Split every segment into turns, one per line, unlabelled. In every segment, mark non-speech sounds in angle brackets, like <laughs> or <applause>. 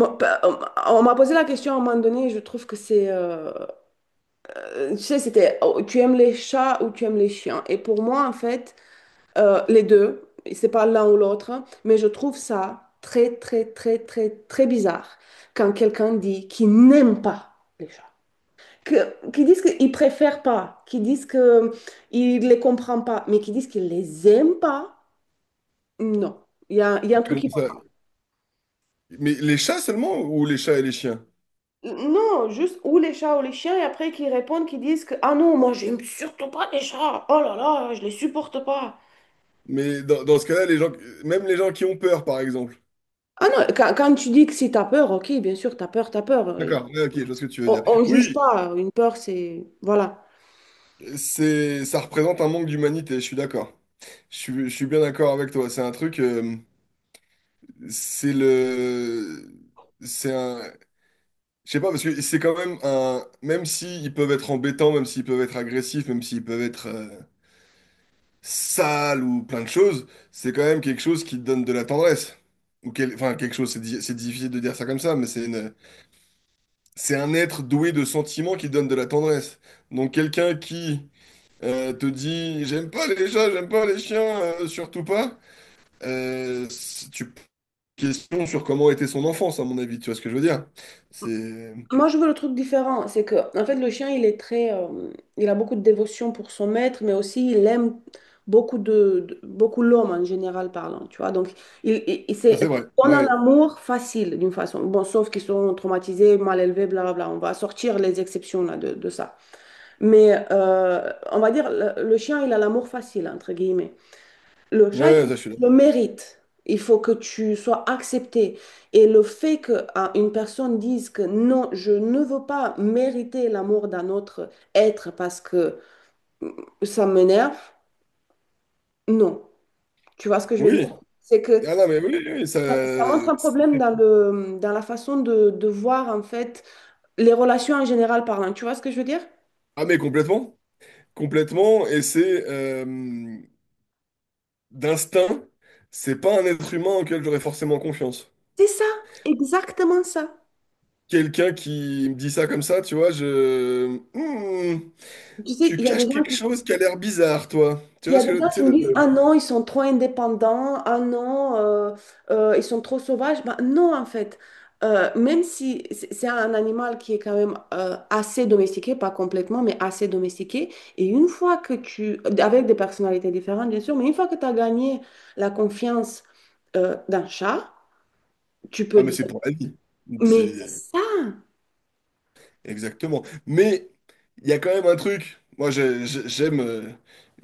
Moi, on m'a posé la question à un moment donné, et je trouve que c'est, tu sais, c'était, oh, tu aimes les chats ou tu aimes les chiens? Et pour moi, en fait, les deux, c'est pas l'un ou l'autre, hein, mais je trouve ça très, très, très, très, très bizarre quand quelqu'un dit qu'il n'aime pas les chats, qu'ils disent qu'ils préfèrent pas, qu'ils disent qu'ils ne les comprend pas, mais qu'ils disent qu'ils les aiment pas, non. Il y a un truc.
Comment ça? Mais les chats seulement ou les chats et les chiens?
Non, juste ou les chats ou les chiens, et après qui répondent, qui disent que ah non, moi j'aime surtout pas les chats, oh là là, je les supporte pas.
Mais dans ce cas-là, les gens, même les gens qui ont peur, par exemple.
Ah non, quand tu dis que si t'as peur, ok, bien sûr, t'as peur, t'as peur.
D'accord, ouais, ok, je vois ce que tu veux dire.
On juge
Oui,
pas, une peur, c'est. Voilà.
ça représente un manque d'humanité, je suis d'accord. Je suis bien d'accord avec toi. C'est un truc, c'est le, c'est un, je sais pas, parce que c'est quand même même s'ils peuvent être embêtants, même s'ils peuvent être agressifs, même s'ils peuvent être sale ou plein de choses, c'est quand même quelque chose qui te donne de la tendresse. Ou enfin, quelque chose, c'est difficile de dire ça comme ça, mais c'est un être doué de sentiments qui donne de la tendresse. Donc quelqu'un qui te dit «J'aime pas les chats, j'aime pas les chiens, surtout pas», tu question sur comment était son enfance, à mon avis, tu vois ce que je veux dire? C'est
Moi, je veux le truc différent. C'est que, en fait, le chien, il est très, il a beaucoup de dévotion pour son maître, mais aussi il aime beaucoup beaucoup l'homme en général parlant. Tu vois, donc il, il, il
ah,
c'est-
c'est vrai,
on a un
ouais,
amour facile d'une façon. Bon, sauf qu'ils sont traumatisés, mal élevés, blablabla. On va sortir les exceptions là de ça. Mais on va dire le chien, il a l'amour facile entre guillemets. Le chat, il
ouais,
faut que
ça je suis
tu le
d'accord.
mérites. Il faut que tu sois accepté. Et le fait qu'une personne dise que non, je ne veux pas mériter l'amour d'un autre être parce que mm, ça m'énerve, non. Tu vois ce que je veux
Oui,
dire? C'est que
ah non mais oui, oui, ça.
ça montre un problème dans le, dans la façon de voir en fait les relations en général parlant. Tu vois ce que je veux dire?
Ah mais complètement. Complètement, et c'est d'instinct, c'est pas un être humain auquel j'aurais forcément confiance.
C'est ça, exactement ça.
Quelqu'un qui me dit ça comme ça, tu vois, je. Hmm,
Tu sais,
tu
il y a des
caches quelque
gens.
chose qui a l'air bizarre, toi. Tu
Il y
vois
a
ce
des
que.
gens
Tu
qui
sais,
me disent, ah non, ils sont trop indépendants, ah non, ils sont trop sauvages. Bah non, en fait, même si c'est un animal qui est quand même assez domestiqué, pas complètement, mais assez domestiqué, et une fois que avec des personnalités différentes, bien sûr, mais une fois que tu as gagné la confiance d'un chat, tu peux
Ah mais
dire,
c'est pour la vie.
mais c'est
C'est.
ça,
Exactement. Mais il y a quand même un truc. Moi, j'ai- j'ai- j'aime... euh,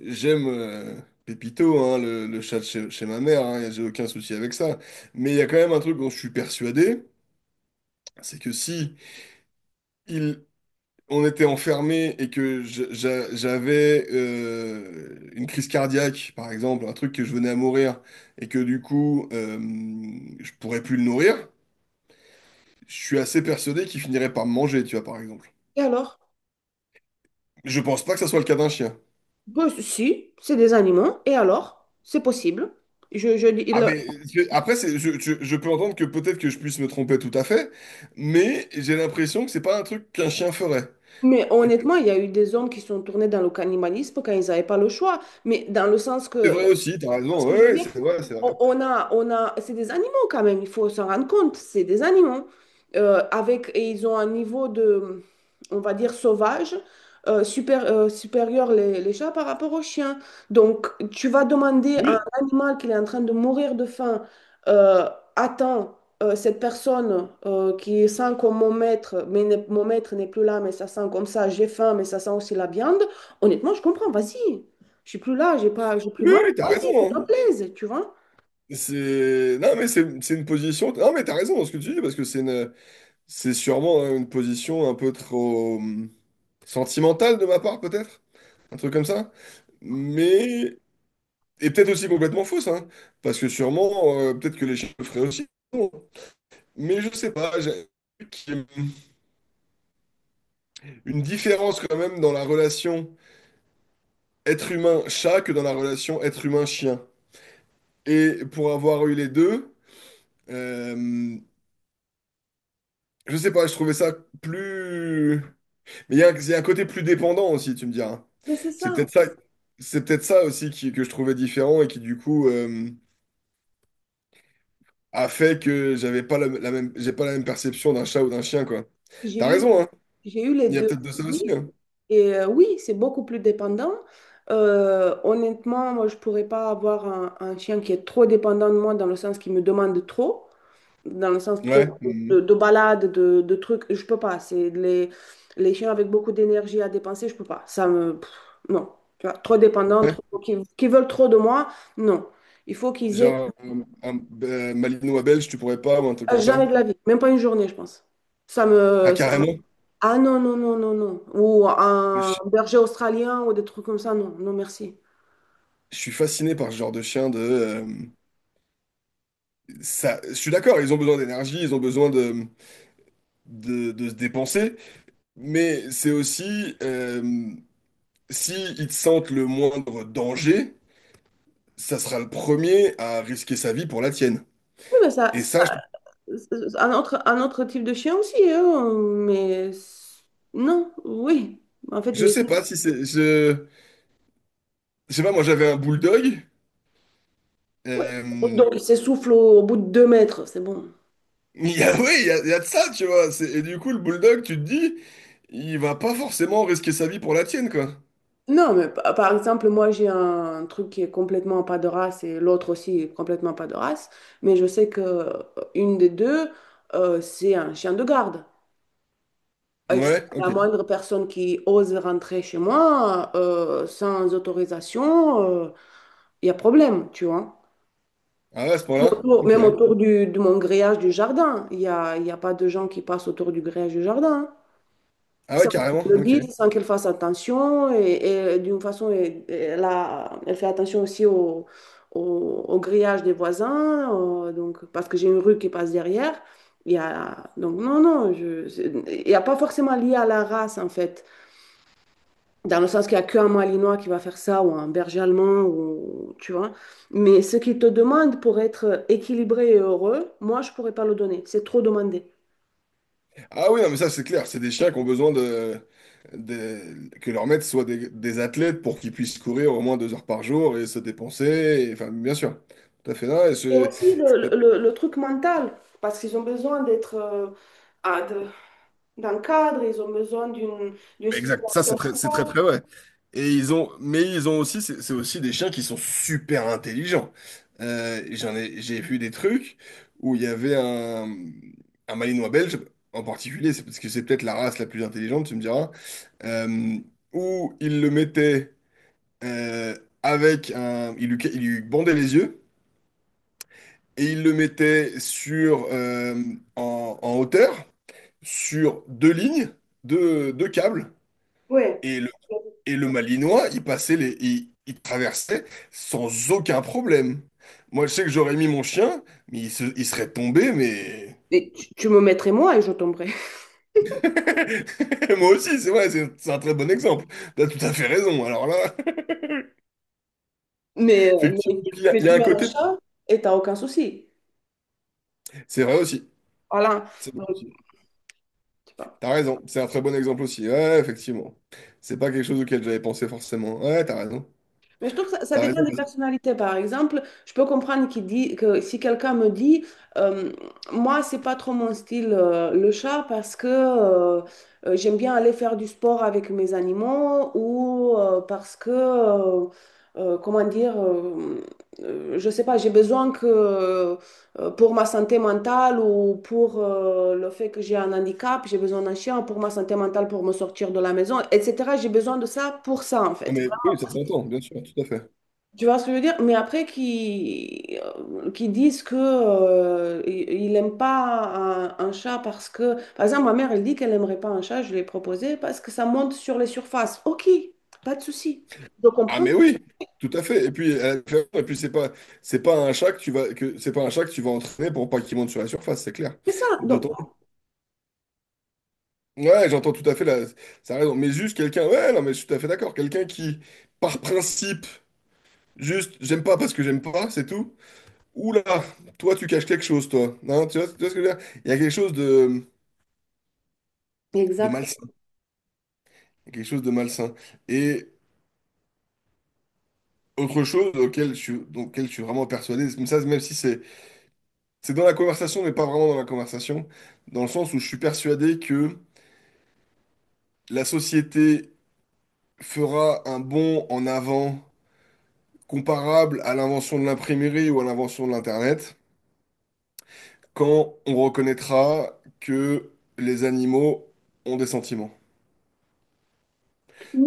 J'aime... euh, Pépito, hein, le chat de chez ma mère, hein, j'ai aucun souci avec ça. Mais il y a quand même un truc dont je suis persuadé, c'est que si on était enfermé et que j'avais une crise cardiaque, par exemple, un truc que je venais à mourir, et que du coup, je pourrais plus le nourrir, je suis assez persuadé qu'il finirait par me manger, tu vois, par exemple.
et alors?
Je pense pas que ça soit le cas d'un chien.
Ben, si, c'est des animaux, et alors? C'est possible. Je, je, dis-
Ah
le-
mais je- après c'est- je peux entendre que peut-être que je puisse me tromper tout à fait, mais j'ai l'impression que c'est pas un truc qu'un chien ferait.
Mais honnêtement, il y a eu des hommes qui sont tournés dans le cannibalisme quand ils n'avaient pas le choix. Mais dans le sens que,
C'est vrai aussi, t'as
tu vois ce
raison,
que
ouais,
je veux
ouais,
dire,
c'est vrai, c'est vrai.
c'est des animaux quand même, il faut s'en rendre compte, c'est des animaux. Et ils ont un niveau de, on va dire, sauvage, supérieur les chats par rapport aux chiens. Donc, tu vas demander à un
Oui,
animal qui est en train de mourir de faim, euh, attends, cette personne qui sent comme mon maître, mais mon maître n'est plus là, mais ça sent comme ça, j'ai faim, mais ça sent aussi la viande. Honnêtement, je comprends, vas-y, je suis plus là, j'ai pas, j'ai plus
oui,
mal.
oui, t'as
Vas-y, ça
raison,
te
hein.
plaise, tu vois.
C'est. Non, mais c'est une position. Non, mais t'as raison dans ce que tu dis, parce que c'est une. C'est sûrement, hein, une position un peu trop sentimentale de ma part, peut-être. Un truc comme ça. Mais. Et peut-être aussi complètement fausse, hein, parce que sûrement, peut-être que les chiens le feraient aussi. Mais je sais pas, j'ai qu'il y ait une différence quand même dans la relation être humain-chat que dans la relation être humain-chien. Et pour avoir eu les deux, euh, je sais pas, je trouvais ça plus. Mais il y a, un il y a un côté plus dépendant aussi, tu me diras, hein.
Mais c'est
C'est
ça.
peut-être ça, c'est peut-être ça aussi que je trouvais différent et qui du coup a fait que j'avais pas la même, j'ai pas la même perception d'un chat ou d'un chien, quoi.
J'ai
T'as
eu, les-
raison, hein.
j'ai eu les
Il y a
deux
peut-être de ça
aussi.
aussi, hein.
Et oui, c'est beaucoup plus dépendant. Honnêtement, moi, je ne pourrais pas avoir un chien qui est trop dépendant de moi dans le sens qu'il me demande trop, dans le sens
Ouais.
trop
Mhm.
de balades, de trucs. Je peux pas. C'est les chiens avec beaucoup d'énergie à dépenser, je peux pas. Ça me. Pff, non. Tu vois, trop dépendant,
Ouais.
trop, qui veulent trop de moi, non. Il faut qu'ils aient
Genre un malinois belge, tu pourrais pas ou un truc comme ça.
jamais de la vie, même pas une journée, je pense. Ça
Ah,
me.
carrément.
Ah non, non, non, non, non. Ou un
Je,
berger australien ou des trucs comme ça, non, non, merci.
je suis fasciné par ce genre de chien de ça. Je suis d'accord, ils ont besoin d'énergie, ils ont besoin de se dépenser, mais c'est aussi si ils te sentent le moindre danger, ça sera le premier à risquer sa vie pour la tienne.
Oui, mais
Et ça, je,
ça, c'est un autre type de chien aussi, hein, mais non, oui. En fait,
je
les.
sais pas si c'est. Je sais pas, moi j'avais un bulldog.
Ouais.
euh,
Donc, il s'essouffle au bout de deux mètres, c'est bon.
<laughs> oui, il y a de ça, tu vois. Et du coup, le bulldog, tu te dis, il va pas forcément risquer sa vie pour la tienne, quoi.
Non, mais par exemple, moi, j'ai un truc qui est complètement pas de race et l'autre aussi est complètement pas de race, mais je sais que une des deux, c'est un chien de garde. Et si
Ouais,
la
ok.
moindre personne qui ose rentrer chez moi sans autorisation, il y a problème, tu vois.
Ah ouais, à ce point-là? Ok.
Même autour du, de mon grillage du jardin, il y a pas de gens qui passent autour du grillage du jardin, hein,
Ah ouais,
sans
carrément,
qu'elle le
ok.
dise, sans qu'elle fasse attention. Et d'une façon, elle fait attention aussi au, au grillage des voisins, donc, parce que j'ai une rue qui passe derrière. Il y a, donc non, non, il n'y a pas forcément lié à la race, en fait. Dans le sens qu'il n'y a qu'un Malinois qui va faire ça, ou un berger allemand, ou, tu vois. Mais ce qu'ils te demandent pour être équilibré et heureux, moi, je ne pourrais pas le donner. C'est trop demandé.
Ah oui, non, mais ça, c'est clair. C'est des chiens qui ont besoin de, que leurs maîtres soient des athlètes pour qu'ils puissent courir au moins 2 heures par jour et se dépenser, et, enfin, bien sûr. Tout à fait. Non, et
Et aussi
c'est-
le truc mental, parce qu'ils ont besoin d'être ah, de- d'un cadre, ils ont besoin d'une
exact. Ça, c'est
stimulation
très, c'est très,
mentale.
très vrai. Et ils ont, mais ils ont aussi, c'est aussi des chiens qui sont super intelligents. J'en ai, j'ai vu des trucs où il y avait un Malinois belge en particulier, c'est parce que c'est peut-être la race la plus intelligente, tu me diras, euh, où ils le mettaient euh, avec un, il lui bandait les yeux et il le mettait sur en hauteur sur deux lignes, deux câbles
Ouais.
et le Malinois, il passait les, il traversait sans aucun problème. Moi, je sais que j'aurais mis mon chien, mais il serait tombé, mais
Mais tu me mettrais moi et je tomberais. <laughs>
<laughs> moi aussi, c'est vrai, c'est un très bon exemple. T'as tout à fait raison. Alors là,
Mais,
<laughs> effectivement,
mais
il y
tu
a un
mets un
côté,
chat et t'as aucun souci.
c'est vrai
Voilà. Donc,
aussi.
je sais pas.
T'as raison, c'est un très bon exemple aussi. Ouais, ouais, effectivement. C'est pas quelque chose auquel j'avais pensé forcément. Ouais, ouais, t'as raison.
Mais je trouve que ça
T'as
dépend
raison,
des
parce que.
personnalités. Par exemple, je peux comprendre qu'il dit que si quelqu'un me dit, euh, moi, c'est pas trop mon style, le chat, parce que j'aime bien aller faire du sport avec mes animaux ou parce que, comment dire, je sais pas, j'ai besoin que pour ma santé mentale ou pour le fait que j'ai un handicap, j'ai besoin d'un chien pour ma santé mentale, pour me sortir de la maison, etc. J'ai besoin de ça pour ça, en
Ah,
fait.
mais oui, ça s'entend, bien sûr, tout à fait.
Tu vois ce que je veux dire? Mais après, qui disent que il n'aime pas un chat parce que. Par exemple, ma mère, elle dit qu'elle n'aimerait pas un chat, je l'ai proposé, parce que ça monte sur les surfaces. OK, pas de souci. Je
Ah,
comprends.
mais oui, tout à fait. Et puis, c'est pas un chat que tu vas, que, c'est pas un chat que tu vas entraîner pour pas qu'il monte sur la surface, c'est clair.
C'est ça. Donc,
D'autant. Ouais, j'entends tout à fait ça a raison. Mais juste quelqu'un, ouais, non, mais je suis tout à fait d'accord. Quelqu'un qui, par principe, juste, j'aime pas parce que j'aime pas, c'est tout. Oula, toi, tu caches quelque chose, toi. Hein, tu vois, ce que je veux dire? Il y a quelque chose de
exact.
malsain. Quelque chose de malsain. Et autre chose auquel je suis vraiment persuadé, même ça, même si c'est dans la conversation, mais pas vraiment dans la conversation, dans le sens où je suis persuadé que la société fera un bond en avant comparable à l'invention de l'imprimerie ou à l'invention de l'Internet quand on reconnaîtra que les animaux ont des sentiments.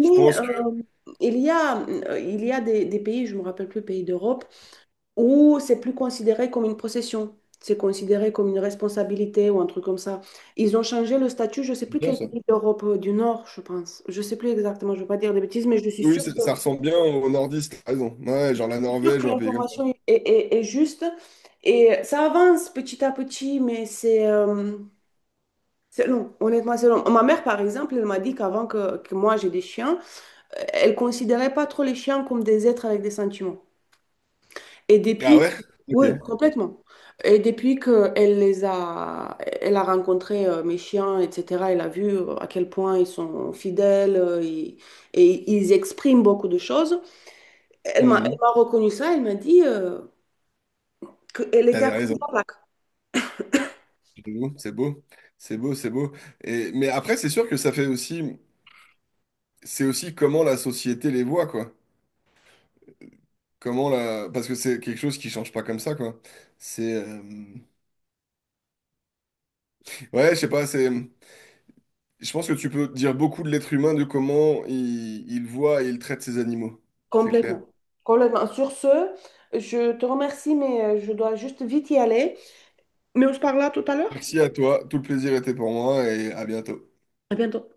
Je pense que.
il y a des pays, je me rappelle plus, pays d'Europe. Ou c'est plus considéré comme une procession, c'est considéré comme une responsabilité ou un truc comme ça. Ils ont changé le statut, je ne sais
C'est
plus
bien
quel
ça.
pays d'Europe du Nord, je pense. Je ne sais plus exactement, je ne veux pas dire des bêtises, mais
Oui, ça, ça ressemble bien aux nordistes, t'as raison. Ouais, genre la
je suis sûre
Norvège
que
ou un pays comme ça.
l'information est juste. Et ça avance petit à petit, mais c'est long, honnêtement, c'est long. Ma mère, par exemple, elle m'a dit qu'avant que moi j'ai des chiens, elle ne considérait pas trop les chiens comme des êtres avec des sentiments. Et
Ah
depuis,
ouais? Ok.
oui, complètement. Et depuis qu'elle les a, elle a rencontré mes chiens, etc., elle a vu à quel point ils sont fidèles et, ils expriment beaucoup de choses. Elle
Mhm.
m'a reconnu ça, elle m'a dit qu'elle était à
T'avais
côté de
raison.
la plaque,
C'est beau, c'est beau, c'est beau, c'est beau. Et, mais après, c'est sûr que ça fait aussi, c'est aussi comment la société les voit, quoi. Comment la, parce que c'est quelque chose qui change pas comme ça, quoi. C'est, ouais, je sais pas, je pense que tu peux dire beaucoup de l'être humain de comment il voit et il traite ses animaux. C'est clair.
complètement. Complètement. Sur ce, je te remercie, mais je dois juste vite y aller. Mais on se parle là tout à l'heure.
Merci à toi, tout le plaisir était pour moi et à bientôt.
À bientôt.